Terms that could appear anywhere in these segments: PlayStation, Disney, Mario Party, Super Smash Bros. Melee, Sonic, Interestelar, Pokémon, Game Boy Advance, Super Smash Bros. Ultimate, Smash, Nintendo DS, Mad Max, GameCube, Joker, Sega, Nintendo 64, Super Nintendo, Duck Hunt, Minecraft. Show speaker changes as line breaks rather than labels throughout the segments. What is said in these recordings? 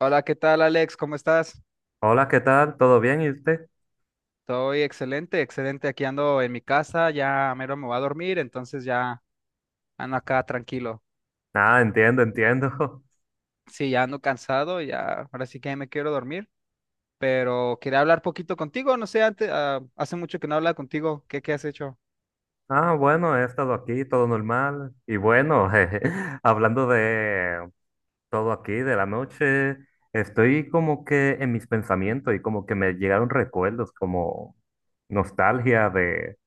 Hola, ¿qué tal, Alex? ¿Cómo estás?
Hola, ¿qué tal? ¿Todo bien? ¿Y usted?
Estoy excelente, excelente. Aquí ando en mi casa, ya mero me voy a dormir, entonces ya ando acá tranquilo.
Ah, entiendo, entiendo.
Sí, ya ando cansado, ya ahora sí que ya me quiero dormir, pero quería hablar poquito contigo, no sé, antes, hace mucho que no hablaba contigo, ¿qué has hecho?
Ah, bueno, he estado aquí, todo normal. Y bueno, jeje, hablando de todo aquí, de la noche, estoy como que en mis pensamientos y como que me llegaron recuerdos, como nostalgia de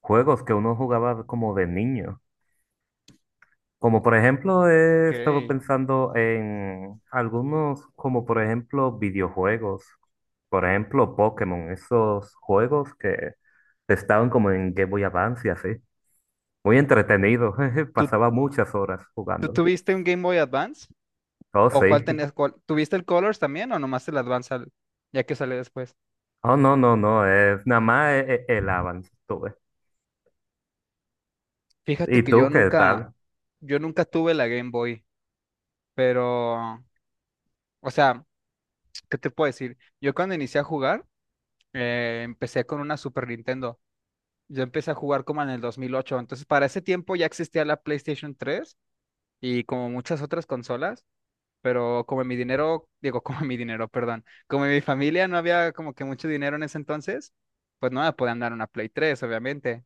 juegos que uno jugaba como de niño. Como por ejemplo, he estado
Okay.
pensando en algunos, como por ejemplo, videojuegos. Por ejemplo, Pokémon, esos juegos que estaban como en Game Boy Advance y así. Muy entretenido, jeje,
¿Tú,
pasaba muchas horas
tú
jugándolo.
tuviste un Game Boy Advance?
Oh,
¿O cuál
sí.
tenías? ¿Tuviste el Colors también o nomás el Advance ya que sale después?
Oh, no, no, no, es nada más el avance tuve.
Fíjate
¿Y
que
tú qué tal?
yo nunca tuve la Game Boy, pero, o sea... ¿Qué te puedo decir? Yo cuando inicié a jugar, empecé con una Super Nintendo. Yo empecé a jugar como en el 2008. Entonces, para ese tiempo ya existía la PlayStation 3 y como muchas otras consolas, pero como mi dinero, digo, como mi dinero, perdón, como mi familia no había como que mucho dinero en ese entonces, pues no me podían dar una Play tres, obviamente.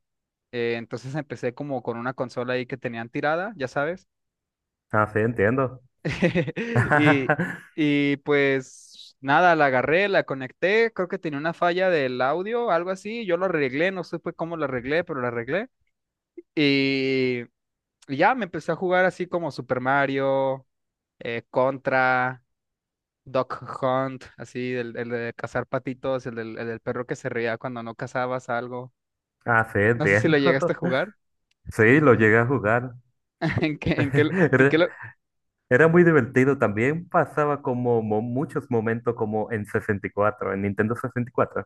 Entonces empecé como con una consola ahí que tenían tirada, ya sabes.
Ah, sí, entiendo.
Y, y pues nada, la agarré, la conecté, creo que tenía una falla del audio, algo así, yo lo arreglé, no supe cómo lo arreglé, pero lo arreglé. Y, y ya me empecé a jugar así como Super Mario, Contra, Duck Hunt, así, el de cazar patitos, el del perro que se reía cuando no cazabas algo.
Ah, sí,
No sé si lo
entiendo.
llegaste a jugar.
Sí, lo llegué a jugar.
¿En qué, en qué, en qué,
Re-
lo-
Era muy divertido también, pasaba como muchos momentos como en 64, en Nintendo 64.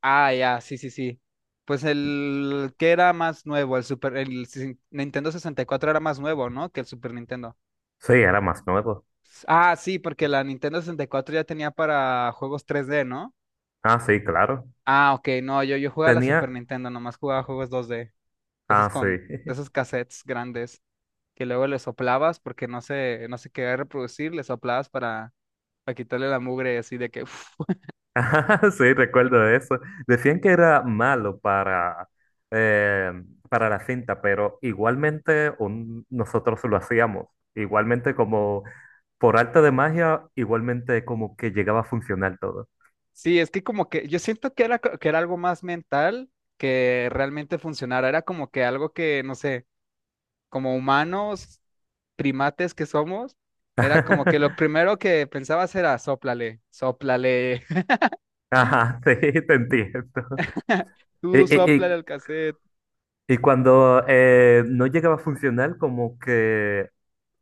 Ah, ya, sí, sí, sí. Pues el que era más nuevo, el Super, el Nintendo 64 era más nuevo, ¿no? Que el Super Nintendo.
Sí, era más nuevo.
Ah, sí, porque la Nintendo 64 ya tenía para juegos tres d, ¿no?
Ah, sí, claro.
Ah, ok, no, yo jugaba la Super
Tenía...
Nintendo, nomás jugaba juegos dos d de esos
Ah, sí.
con, de esos cassettes grandes, que luego le soplabas porque no se, no se quería reproducir, le soplabas para quitarle la mugre así de que...
Ah, sí, recuerdo de eso. Decían que era malo eh, para la cinta, pero igualmente nosotros lo hacíamos. Igualmente como por arte de magia, igualmente como que llegaba a funcionar todo.
Sí, es que como que yo siento que era, que era algo más mental que realmente funcionara. Era como que algo que, no sé, como humanos, primates que somos, era como que lo primero que pensabas era sóplale, sóplale,
Ajá, sí, te entiendo.
tú sóplale
¿Y,
al cassette.
Y cuando no llegaba a funcionar, como que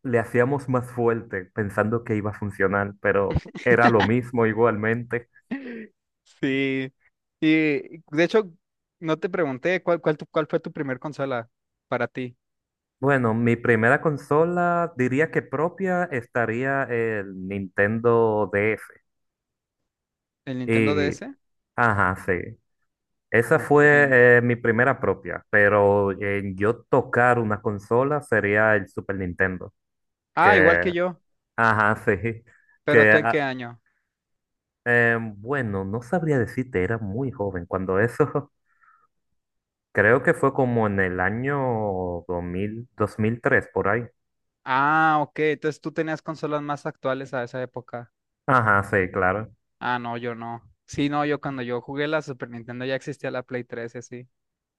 le hacíamos más fuerte, pensando que iba a funcionar, pero era lo mismo igualmente.
Sí. Y de hecho, no te pregunté cuál, cuál, cuál fue tu primer consola para ti.
Bueno, mi primera consola, diría que propia, estaría el Nintendo DS.
¿El Nintendo
Y,
DS?
ajá, sí. Esa
Ok.
fue mi primera propia, pero en yo tocar una consola sería el Super Nintendo,
Ah, igual que
que,
yo.
ajá, sí,
¿Pero
que
tú en qué
a-
año?
Bueno, no sabría decirte, era muy joven cuando eso, creo que fue como en el año 2003 por ahí.
Ah, ok. Entonces tú tenías consolas más actuales a esa época.
Ajá, sí, claro.
Ah, no, yo no. Sí, no, yo cuando yo jugué la Super Nintendo ya existía la Play 3 y así.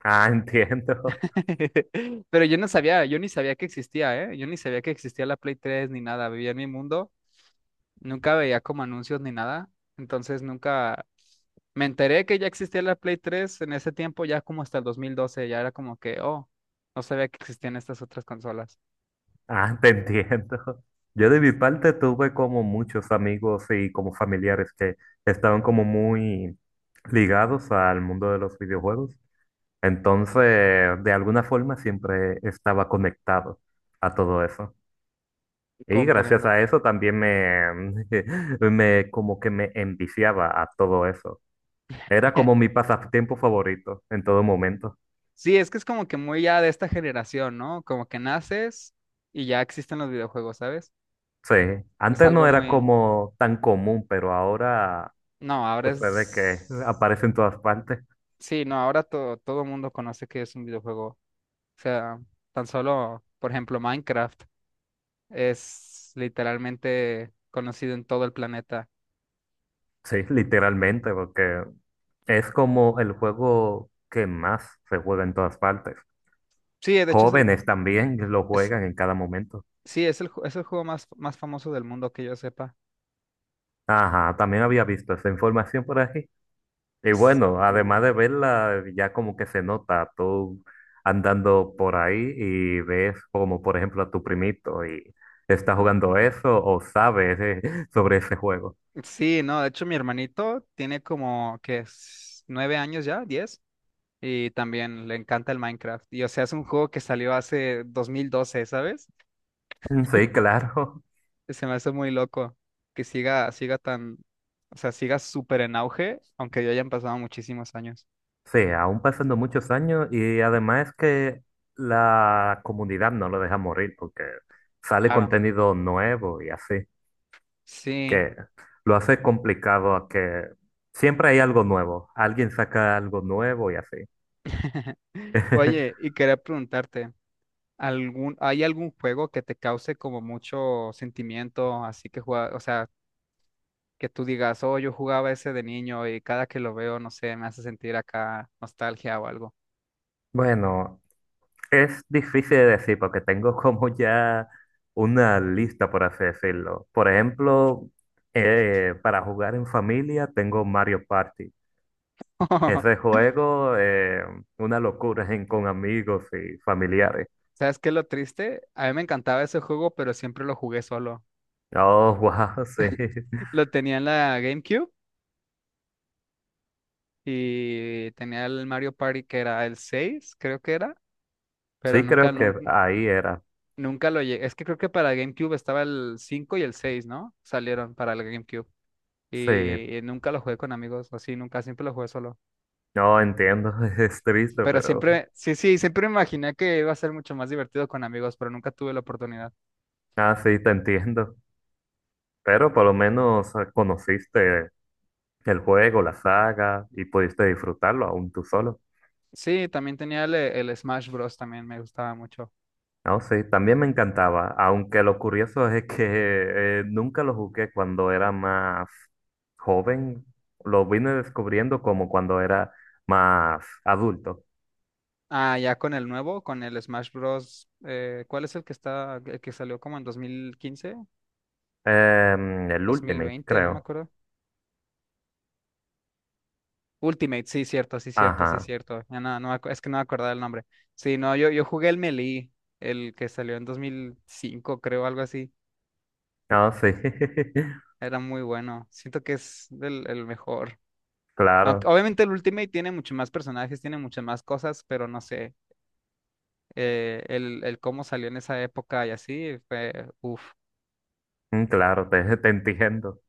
Ah, entiendo.
Pero yo no sabía, yo ni sabía que existía, ¿eh? Yo ni sabía que existía la Play 3 ni nada. Vivía en mi mundo, nunca veía como anuncios ni nada. Entonces nunca me enteré que ya existía la Play 3 en ese tiempo, ya como hasta el 2012. Ya era como que, oh, no sabía que existían estas otras consolas.
Ah, te entiendo. Yo de mi parte tuve como muchos amigos y como familiares que estaban como muy ligados al mundo de los videojuegos. Entonces, de alguna forma siempre estaba conectado a todo eso. Y gracias
Comprendo.
a eso también me como que me enviciaba a todo eso. Era como mi pasatiempo favorito en todo momento.
Sí, es que es como que muy ya de esta generación, ¿no? Como que naces y ya existen los videojuegos, ¿sabes?
Sí,
Es
antes no
algo
era
muy...
como tan común, pero ahora
No, ahora
sucede que
es...
aparece en todas partes.
Sí, no, ahora todo el mundo conoce que es un videojuego. O sea, tan solo, por ejemplo, Minecraft es literalmente conocido en todo el planeta.
Sí, literalmente, porque es como el juego que más se juega en todas partes.
Sí, de hecho es el...
Jóvenes también lo
Es...
juegan en cada momento.
Sí, es el, es el juego más, más famoso del mundo que yo sepa.
Ajá, también había visto esa información por aquí. Y
S-
bueno,
Sí.
además de verla, ya como que se nota tú andando por ahí y ves como por ejemplo a tu primito y está jugando eso o sabes sobre ese juego.
Sí, no, de hecho mi hermanito tiene como que es 9 años ya, diez. Y también le encanta el Minecraft. Y o sea, es un juego que salió hace 2012, ¿sabes?
Sí, claro.
Se me hace muy loco que siga, siga tan, o sea, siga súper en auge, aunque ya hayan pasado muchísimos años.
Sí, aún pasando muchos años y además que la comunidad no lo deja morir porque sale
Claro.
contenido nuevo y así,
Sí.
que lo hace complicado a que siempre hay algo nuevo, alguien saca algo nuevo y así.
Oye, y quería preguntarte, hay algún juego que te cause como mucho sentimiento, así que juega, o sea, que tú digas, oh, yo jugaba ese de niño y cada que lo veo, no sé, me hace sentir acá nostalgia o algo?
Bueno, es difícil de decir porque tengo como ya una lista, por así decirlo. Por ejemplo, para jugar en familia tengo Mario Party. Ese juego, una locura con amigos y familiares.
¿Sabes qué es lo triste? A mí me encantaba ese juego, pero siempre lo jugué solo.
Oh, wow, sí.
Lo tenía en la GameCube y tenía el Mario Party que era el 6 creo que era, pero
Sí, creo que ahí era.
nunca lo llegué. Es que creo que para GameCube estaba el 5 y el 6, ¿no? Salieron para el GameCube.
Sí,
Y nunca lo jugué con amigos, así, nunca, siempre lo jugué solo.
no entiendo, es triste,
Pero
pero...
siempre, sí, sí, siempre me imaginé que iba a ser mucho más divertido con amigos, pero nunca tuve la oportunidad.
Ah, sí, te entiendo. Pero por lo menos conociste el juego, la saga y pudiste disfrutarlo aún tú solo.
Sí, también tenía el Smash Bros. También me gustaba mucho.
No, sí, también me encantaba, aunque lo curioso es que nunca lo jugué cuando era más joven, lo vine descubriendo como cuando era más adulto.
Ah, ya con el nuevo, con el Smash Bros. ¿Cuál es el que está, el que salió como en 2015,
El Ultimate,
2020, no me
creo.
acuerdo? Ultimate, sí, cierto, sí, cierto, sí,
Ajá,
cierto. Ya no, es que no me acordaba el nombre. Sí, no, yo jugué el Melee, el que salió en 2005, creo, algo así.
no, sí,
Era muy bueno. Siento que es el mejor. Aunque,
claro,
obviamente el Ultimate tiene mucho más personajes, tiene muchas más cosas, pero no sé, el cómo salió en esa época y así fue, uff.
claro, te entiendo.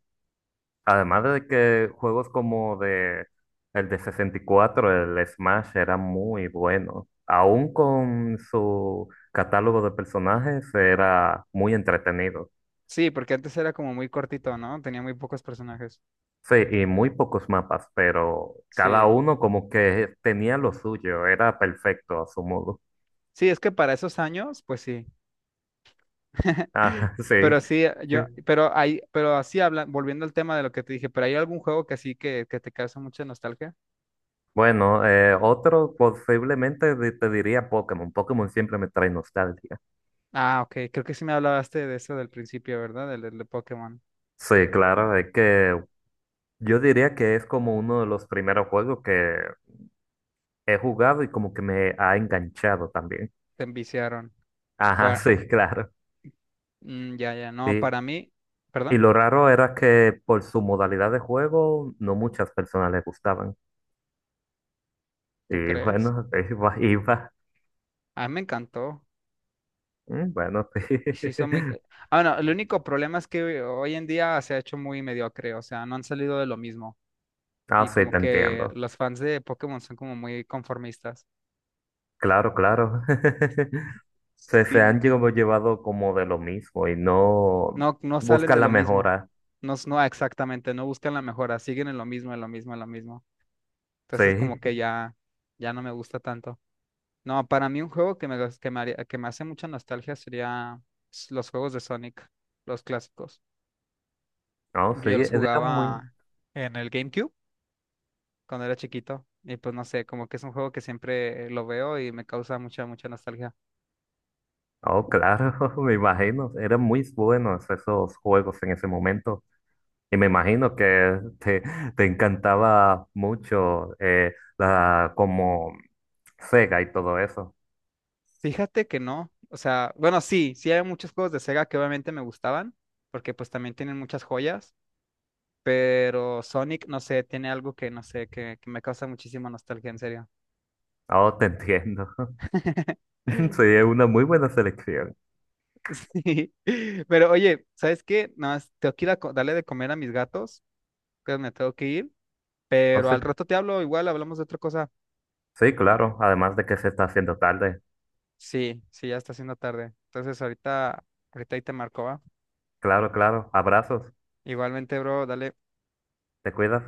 Además de que juegos como de el de 64, el Smash era muy bueno. Aún con su catálogo de personajes era muy entretenido.
Sí, porque antes era como muy cortito, ¿no? Tenía muy pocos personajes.
Sí, y muy pocos mapas, pero cada
Sí.
uno como que tenía lo suyo, era perfecto a su modo.
Sí, es que para esos años, pues sí.
Ah, sí.
Pero sí,
Sí.
pero hay, pero así habla, volviendo al tema de lo que te dije, pero hay algún juego que así que te causa mucha nostalgia.
Bueno, otro posiblemente te diría Pokémon. Pokémon siempre me trae nostalgia.
Ah, ok, creo que sí me hablaste de eso del principio, ¿verdad? Del, del de Pokémon.
Sí, claro, es que yo diría que es como uno de los primeros juegos que he jugado y como que me ha enganchado también.
Te enviciaron.
Ajá,
Fue-
sí, claro.
ya, no,
Sí,
para mí,
y
perdón,
lo raro era que por su modalidad de juego no muchas personas les gustaban.
¿tú
Y
crees?
bueno, iba, iba.
A mí me encantó.
Mm, bueno, sí.
Y sí, son muy. Ah, no, el único problema es que hoy en día se ha hecho muy mediocre, o sea, no han salido de lo mismo.
Ah,
Y
sí,
como
te
que
entiendo.
los fans de Pokémon son como muy conformistas.
Claro, claro. Se han
Sí.
llevado como de lo mismo y no
No, no salen de
buscan la
lo mismo.
mejora.
No, no exactamente, no buscan la mejora, siguen en lo mismo, en lo mismo, en lo mismo. Entonces como
Sí,
que ya, ya no me gusta tanto. No, para mí un juego que me, gus- que me haría- que me hace mucha nostalgia sería los juegos de Sonic, los clásicos.
no, sí,
Yo los
era muy...
jugaba en el GameCube cuando era chiquito. Y pues no sé, como que es un juego que siempre lo veo y me causa mucha, mucha nostalgia.
Oh, claro, me imagino, eran muy buenos esos juegos en ese momento. Y me imagino que te encantaba mucho como Sega y todo eso.
Fíjate que no. O sea, bueno, sí, sí hay muchos juegos de Sega que obviamente me gustaban, porque pues también tienen muchas joyas, pero Sonic, no sé, tiene algo que, no sé, que me causa muchísima nostalgia, en serio.
Oh, te entiendo. Sí, es una muy buena selección.
Sí, pero oye, ¿sabes qué? Nada más tengo que ir a darle de comer a mis gatos, que me tengo que ir,
Oh,
pero
sí,
al rato te hablo, igual hablamos de otra cosa.
sí, claro, además de que se está haciendo tarde.
Sí, sí, ya está haciendo tarde. Entonces ahorita, ahorita ahí te marco, ¿va?
Claro, claro. Abrazos,
Igualmente, bro, dale.
te cuidas.